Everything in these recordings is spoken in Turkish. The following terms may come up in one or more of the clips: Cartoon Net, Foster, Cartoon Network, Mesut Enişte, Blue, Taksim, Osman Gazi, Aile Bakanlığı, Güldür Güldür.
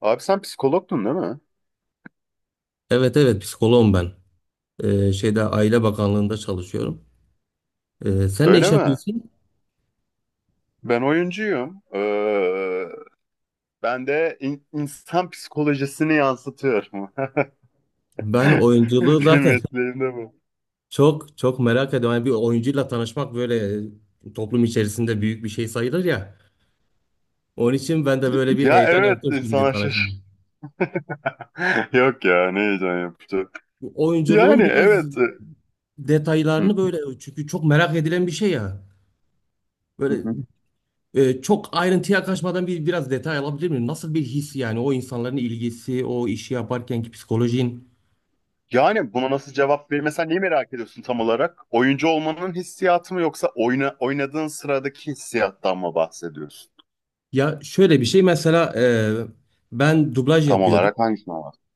Abi sen psikologdun değil mi? Evet evet, psikoloğum ben. Şeyde Aile Bakanlığı'nda çalışıyorum. Sen ne Öyle iş mi? yapıyorsun? Ben oyuncuyum. Ben de insan psikolojisini yansıtıyorum. Ben oyunculuğu Benim zaten mesleğim de bu. çok çok merak ediyorum. Yani bir oyuncuyla tanışmak böyle toplum içerisinde büyük bir şey sayılır ya. Onun için ben de böyle bir Ya heyecan evet yaptım, şimdi insana tanıştım. şaşır. Yok ya ne heyecan yapıcı. Yani Oyunculuğun biraz evet. Hı. detaylarını böyle, çünkü çok merak edilen bir şey ya. Hı Böyle hı. Çok ayrıntıya kaçmadan bir biraz detay alabilir miyim? Nasıl bir his yani, o insanların ilgisi, o işi yaparkenki psikolojin? Yani buna nasıl cevap verir? Mesela neyi merak ediyorsun tam olarak? Oyuncu olmanın hissiyatı mı yoksa oynadığın sıradaki hissiyattan mı bahsediyorsun? Ya şöyle bir şey mesela ben dublaj Tam yapıyordum. olarak hangisinden bahsediyorsun?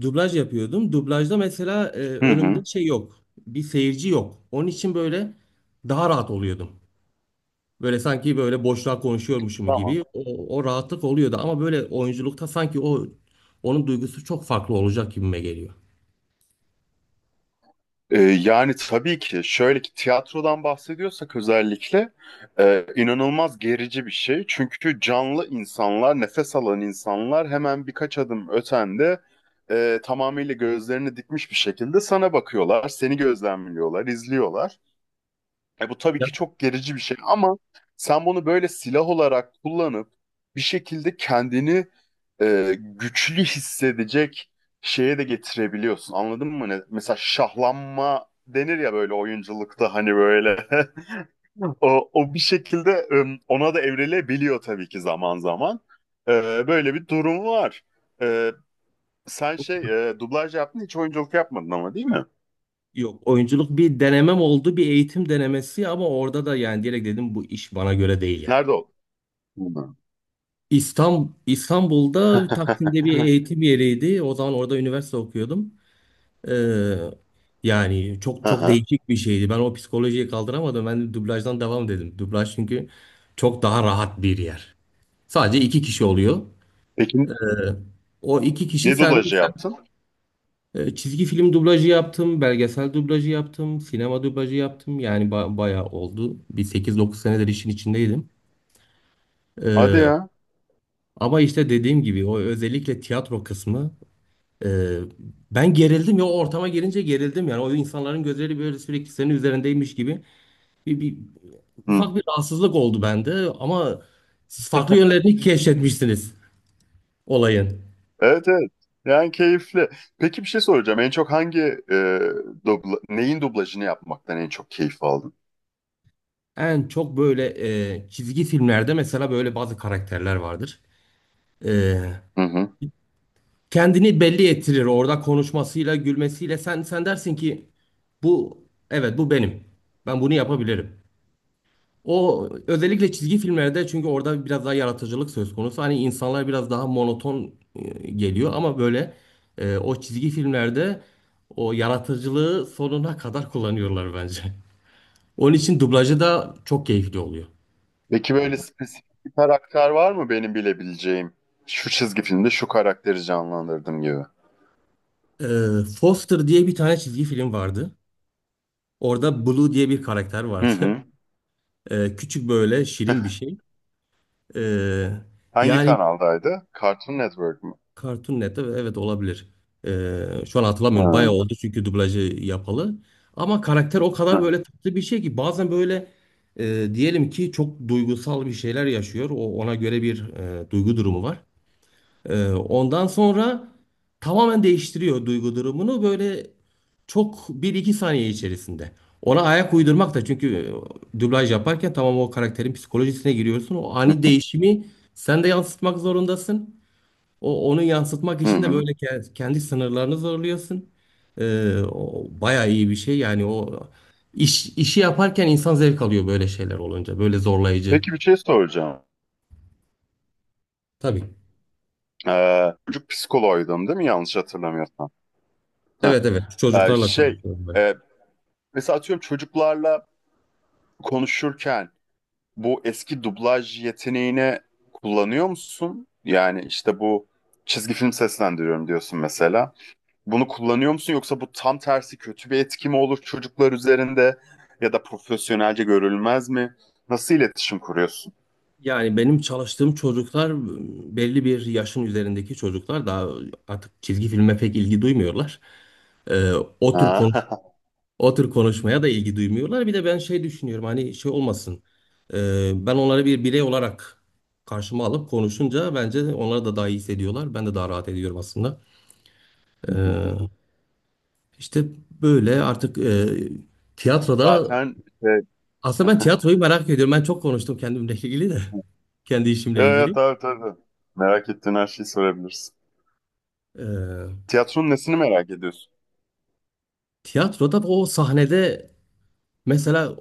Dublaj yapıyordum. Dublajda mesela Hı hı. önümde şey yok. Bir seyirci yok. Onun için böyle daha rahat oluyordum. Böyle sanki böyle boşluğa konuşuyormuşum Tamam. gibi o, o rahatlık oluyordu. Ama böyle oyunculukta sanki o onun duygusu çok farklı olacak gibime geliyor. Yani tabii ki şöyle ki tiyatrodan bahsediyorsak özellikle inanılmaz gerici bir şey. Çünkü canlı insanlar, nefes alan insanlar hemen birkaç adım ötende tamamıyla gözlerini dikmiş bir şekilde sana bakıyorlar, seni gözlemliyorlar, izliyorlar. E bu tabii Ya, ki çok gerici bir şey ama sen bunu böyle silah olarak kullanıp bir şekilde kendini güçlü hissedecek şeye de getirebiliyorsun. Anladın mı? Ne? Mesela şahlanma denir ya böyle oyunculukta hani böyle. O bir şekilde ona da evrilebiliyor tabii ki zaman zaman. E, Böyle bir durum var. E, Sen şey dublaj yaptın hiç oyunculuk yapmadın ama değil mi? yok, oyunculuk bir denemem oldu, bir eğitim denemesi ama orada da yani direkt dedim bu iş bana göre değil yani. Nerede oldun? Hı. İstanbul, İstanbul'da Taksim'de bir eğitim yeriydi. O zaman orada üniversite okuyordum. Ee, Yani çok çok Aha. değişik bir şeydi. Ben o psikolojiyi kaldıramadım. Ben de dublajdan devam dedim. Dublaj çünkü çok daha rahat bir yer. Sadece iki kişi oluyor. Peki Ee, O iki kişi ne sen, dublajı sen- yaptın? Çizgi film dublajı yaptım, belgesel dublajı yaptım, sinema dublajı yaptım. Yani ba- bayağı oldu. Bir sekiz dokuz senedir işin içindeydim. Hadi Ee, ya. Ama işte dediğim gibi o özellikle tiyatro kısmı. Ee, Ben gerildim ya, o ortama gelince gerildim yani, o insanların gözleri böyle sürekli senin üzerindeymiş gibi bir Hı. ufak bir rahatsızlık oldu bende ama farklı yönlerini keşfetmişsiniz olayın. Evet evet. Yani keyifli. Peki bir şey soracağım. En çok hangi e, neyin dublajını yapmaktan en çok keyif aldın? En çok böyle çizgi filmlerde mesela böyle bazı karakterler vardır. E, Hı hı. Kendini belli ettirir orada konuşmasıyla gülmesiyle, sen dersin ki bu, evet bu benim, ben bunu yapabilirim. O özellikle çizgi filmlerde çünkü orada biraz daha yaratıcılık söz konusu. Hani insanlar biraz daha monoton geliyor ama böyle o çizgi filmlerde o yaratıcılığı sonuna kadar kullanıyorlar bence. Onun için dublajı da çok keyifli oluyor. Peki böyle spesifik bir karakter var mı benim bilebileceğim? Şu çizgi filmde şu karakteri canlandırdım gibi. E, Foster diye bir tane çizgi film vardı. Orada Blue diye bir karakter Hı vardı. hı. Küçük böyle şirin bir şey. E, Hangi Yani kanaldaydı? Cartoon Network mu? Cartoon Net'te, evet olabilir. Şu an hatırlamıyorum. Bayağı Hı oldu çünkü dublajı yapalı. Ama karakter o kadar hı. böyle tatlı bir şey ki bazen böyle diyelim ki çok duygusal bir şeyler yaşıyor. O ona göre bir duygu durumu var. Ondan sonra tamamen değiştiriyor duygu durumunu böyle çok bir iki saniye içerisinde. Ona ayak uydurmak da çünkü dublaj yaparken tamam, o karakterin psikolojisine giriyorsun. O ani değişimi sen de yansıtmak zorundasın. O, onu yansıtmak Hı için de hı. böyle ke- kendi sınırlarını zorluyorsun. O bayağı iyi bir şey. Yani o işi yaparken insan zevk alıyor böyle şeyler olunca. Böyle zorlayıcı. Peki bir şey soracağım. Tabii. Çocuk psikoloğuydun değil mi? Yanlış hatırlamıyorsam. Heh. Evet evet. Çocuklarla Şey, çalışıyorum ben. e, mesela atıyorum çocuklarla konuşurken bu eski dublaj yeteneğini kullanıyor musun? Yani işte bu çizgi film seslendiriyorum diyorsun mesela. Bunu kullanıyor musun yoksa bu tam tersi kötü bir etki mi olur çocuklar üzerinde ya da profesyonelce görülmez mi? Nasıl iletişim kuruyorsun? Yani benim çalıştığım çocuklar, belli bir yaşın üzerindeki çocuklar daha artık çizgi filme pek ilgi duymuyorlar. Ee, o tür konu O tür konuşmaya da ilgi duymuyorlar. Bir de ben şey düşünüyorum, hani şey olmasın. Ben onları bir birey olarak karşıma alıp konuşunca bence onlar da daha iyi hissediyorlar. Ben de daha rahat ediyorum aslında. Ee, işte böyle artık tiyatroda Zaten şey... aslında ben tiyatroyu merak ediyorum. Ben çok konuştum kendimle ilgili de. Kendi işimle Evet, ilgili. tabii tabii. Merak ettiğin her şeyi sorabilirsin. Ee, Tiyatronun nesini merak ediyorsun? Tiyatroda o sahnede mesela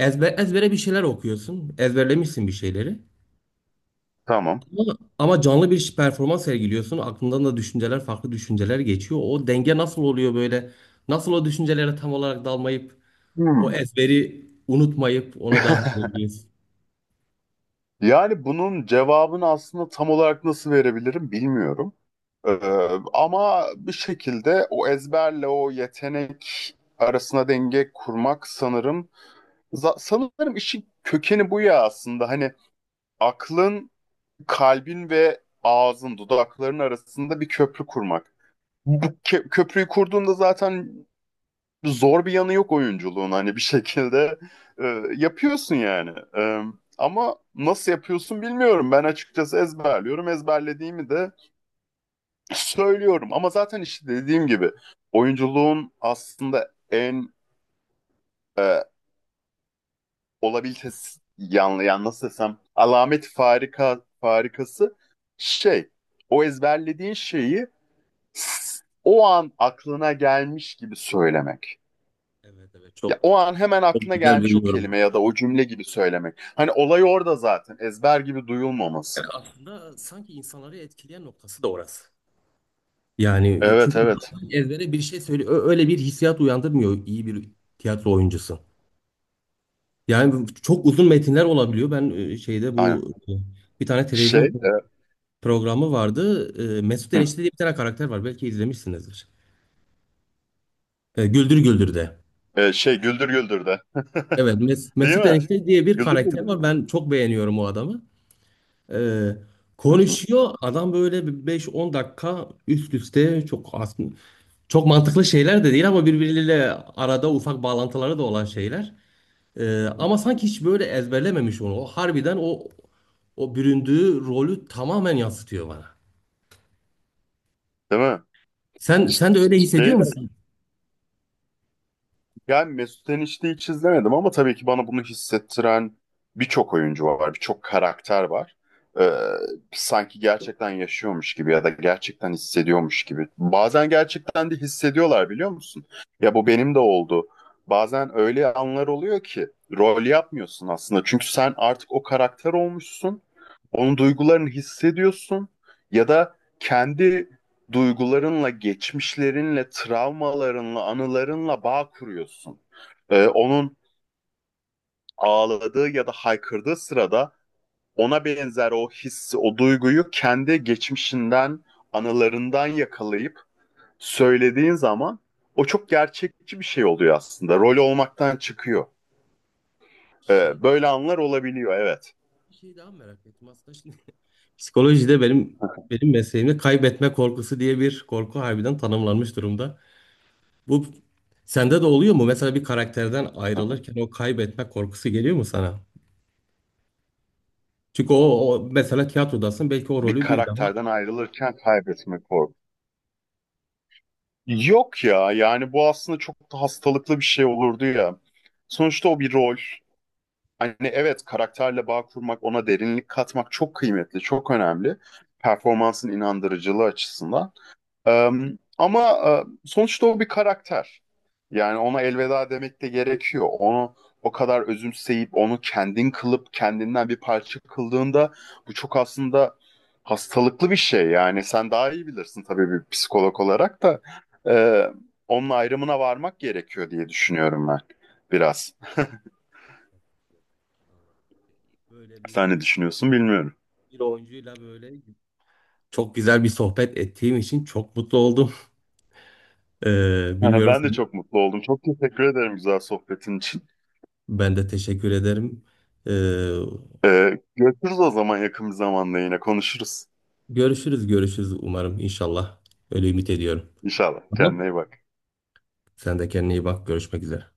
ezbere bir şeyler okuyorsun. Ezberlemişsin bir şeyleri. Tamam. Ama canlı bir performans sergiliyorsun. Aklından da düşünceler, farklı düşünceler geçiyor. O denge nasıl oluyor böyle? Nasıl o düşüncelere tam olarak dalmayıp o Hmm. ezberi unutmayıp ona devam edebiliyorsun? Yani bunun cevabını aslında tam olarak nasıl verebilirim bilmiyorum. Ee, Ama bir şekilde o ezberle o yetenek arasına denge kurmak sanırım sanırım işin kökeni bu ya aslında. Hani aklın, kalbin ve ağzın, dudakların arasında bir köprü kurmak. Bu köprüyü kurduğunda zaten zor bir yanı yok oyunculuğun hani bir şekilde yapıyorsun yani. E, Ama nasıl yapıyorsun bilmiyorum. Ben açıkçası ezberliyorum. Ezberlediğimi de söylüyorum. Ama zaten işte dediğim gibi oyunculuğun aslında en e, olabilitesi yanlı yani nasıl desem alamet farikası şey o ezberlediğin şeyi o an aklına gelmiş gibi söylemek. Evet evet, Ya çok, o an hemen çok aklına güzel gelmiş bir o yorum. kelime ya da o cümle gibi söylemek. Hani olay orada zaten. Ezber gibi duyulmaması. Yani aslında sanki insanları etkileyen noktası da orası. Yani Evet çünkü evet. ezbere bir şey söyle, ö- öyle bir hissiyat uyandırmıyor iyi bir tiyatro oyuncusu. Yani çok uzun metinler olabiliyor. Ben şeyde Aynen. bu bir tane Şey, televizyon programı vardı. E, Mesut hı, Enişte diye bir tane karakter var. Belki izlemişsinizdir. Güldür Güldür'de. Şey Güldür Güldür de. Evet, Mes- Değil Mesut mi? Enişte diye bir Güldür karakter Güldür var. de. Ben çok beğeniyorum o adamı. E, Hı hı. Konuşuyor. Adam böyle bir 5-10 dakika üst üste çok aslında çok mantıklı şeyler de değil ama birbirleriyle arada ufak bağlantıları da olan şeyler. Ama sanki hiç böyle ezberlememiş onu. O harbiden o o büründüğü rolü tamamen yansıtıyor bana. Değil mi? Sen de öyle hissediyor Şey de musun? Yani Mesut Enişte'yi hiç izlemedim ama tabii ki bana bunu hissettiren birçok oyuncu var, birçok karakter var. Ee, Sanki gerçekten yaşıyormuş gibi ya da gerçekten hissediyormuş gibi. Bazen gerçekten de hissediyorlar biliyor musun? Ya bu benim de oldu. Bazen öyle anlar oluyor ki rol yapmıyorsun aslında. Çünkü sen artık o karakter olmuşsun. Onun duygularını hissediyorsun ya da kendi duygularınla, geçmişlerinle, travmalarınla, anılarınla bağ kuruyorsun. Onun ağladığı ya da haykırdığı sırada ona benzer o hissi, o duyguyu kendi geçmişinden, anılarından yakalayıp söylediğin zaman o çok gerçekçi bir şey oluyor aslında. Rol olmaktan çıkıyor. Şey, Böyle anlar olabiliyor, evet. bir şey daha merak ettim aslında. Şimdi psikolojide benim mesleğimde kaybetme korkusu diye bir korku harbiden tanımlanmış durumda. Bu sende de oluyor mu? Mesela bir karakterden ayrılırken o kaybetme korkusu geliyor mu sana? Çünkü o, o mesela tiyatrodasın, belki o Bir rolü bir daha karakterden ayrılırken kaybetme korkusu. Yok ya yani bu aslında çok da hastalıklı bir şey olurdu ya. Sonuçta o bir rol. Hani evet karakterle bağ kurmak, ona derinlik katmak çok kıymetli, çok önemli. Performansın inandırıcılığı açısından. Ee, Ama sonuçta o bir karakter. Yani ona elveda demek de gerekiyor. Onu o kadar özümseyip onu kendin kılıp kendinden bir parça kıldığında bu çok aslında hastalıklı bir şey. Yani sen daha iyi bilirsin tabii bir psikolog olarak da. Ee, Onun ayrımına varmak gerekiyor diye düşünüyorum ben biraz. böyle bir Sen ne tiyatro- düşünüyorsun bilmiyorum. bir oyuncuyla böyle çok güzel bir sohbet ettiğim için çok mutlu oldum. Bilmiyorum Ben de sen. çok mutlu oldum. Çok teşekkür ederim güzel sohbetin için. Ben de teşekkür ederim. Ee, Görüşürüz o zaman yakın bir zamanda yine konuşuruz. Görüşürüz, görüşürüz umarım, inşallah. Öyle ümit ediyorum. İnşallah. Kendine Tamam. iyi bak. Sen de kendine iyi bak. Görüşmek üzere.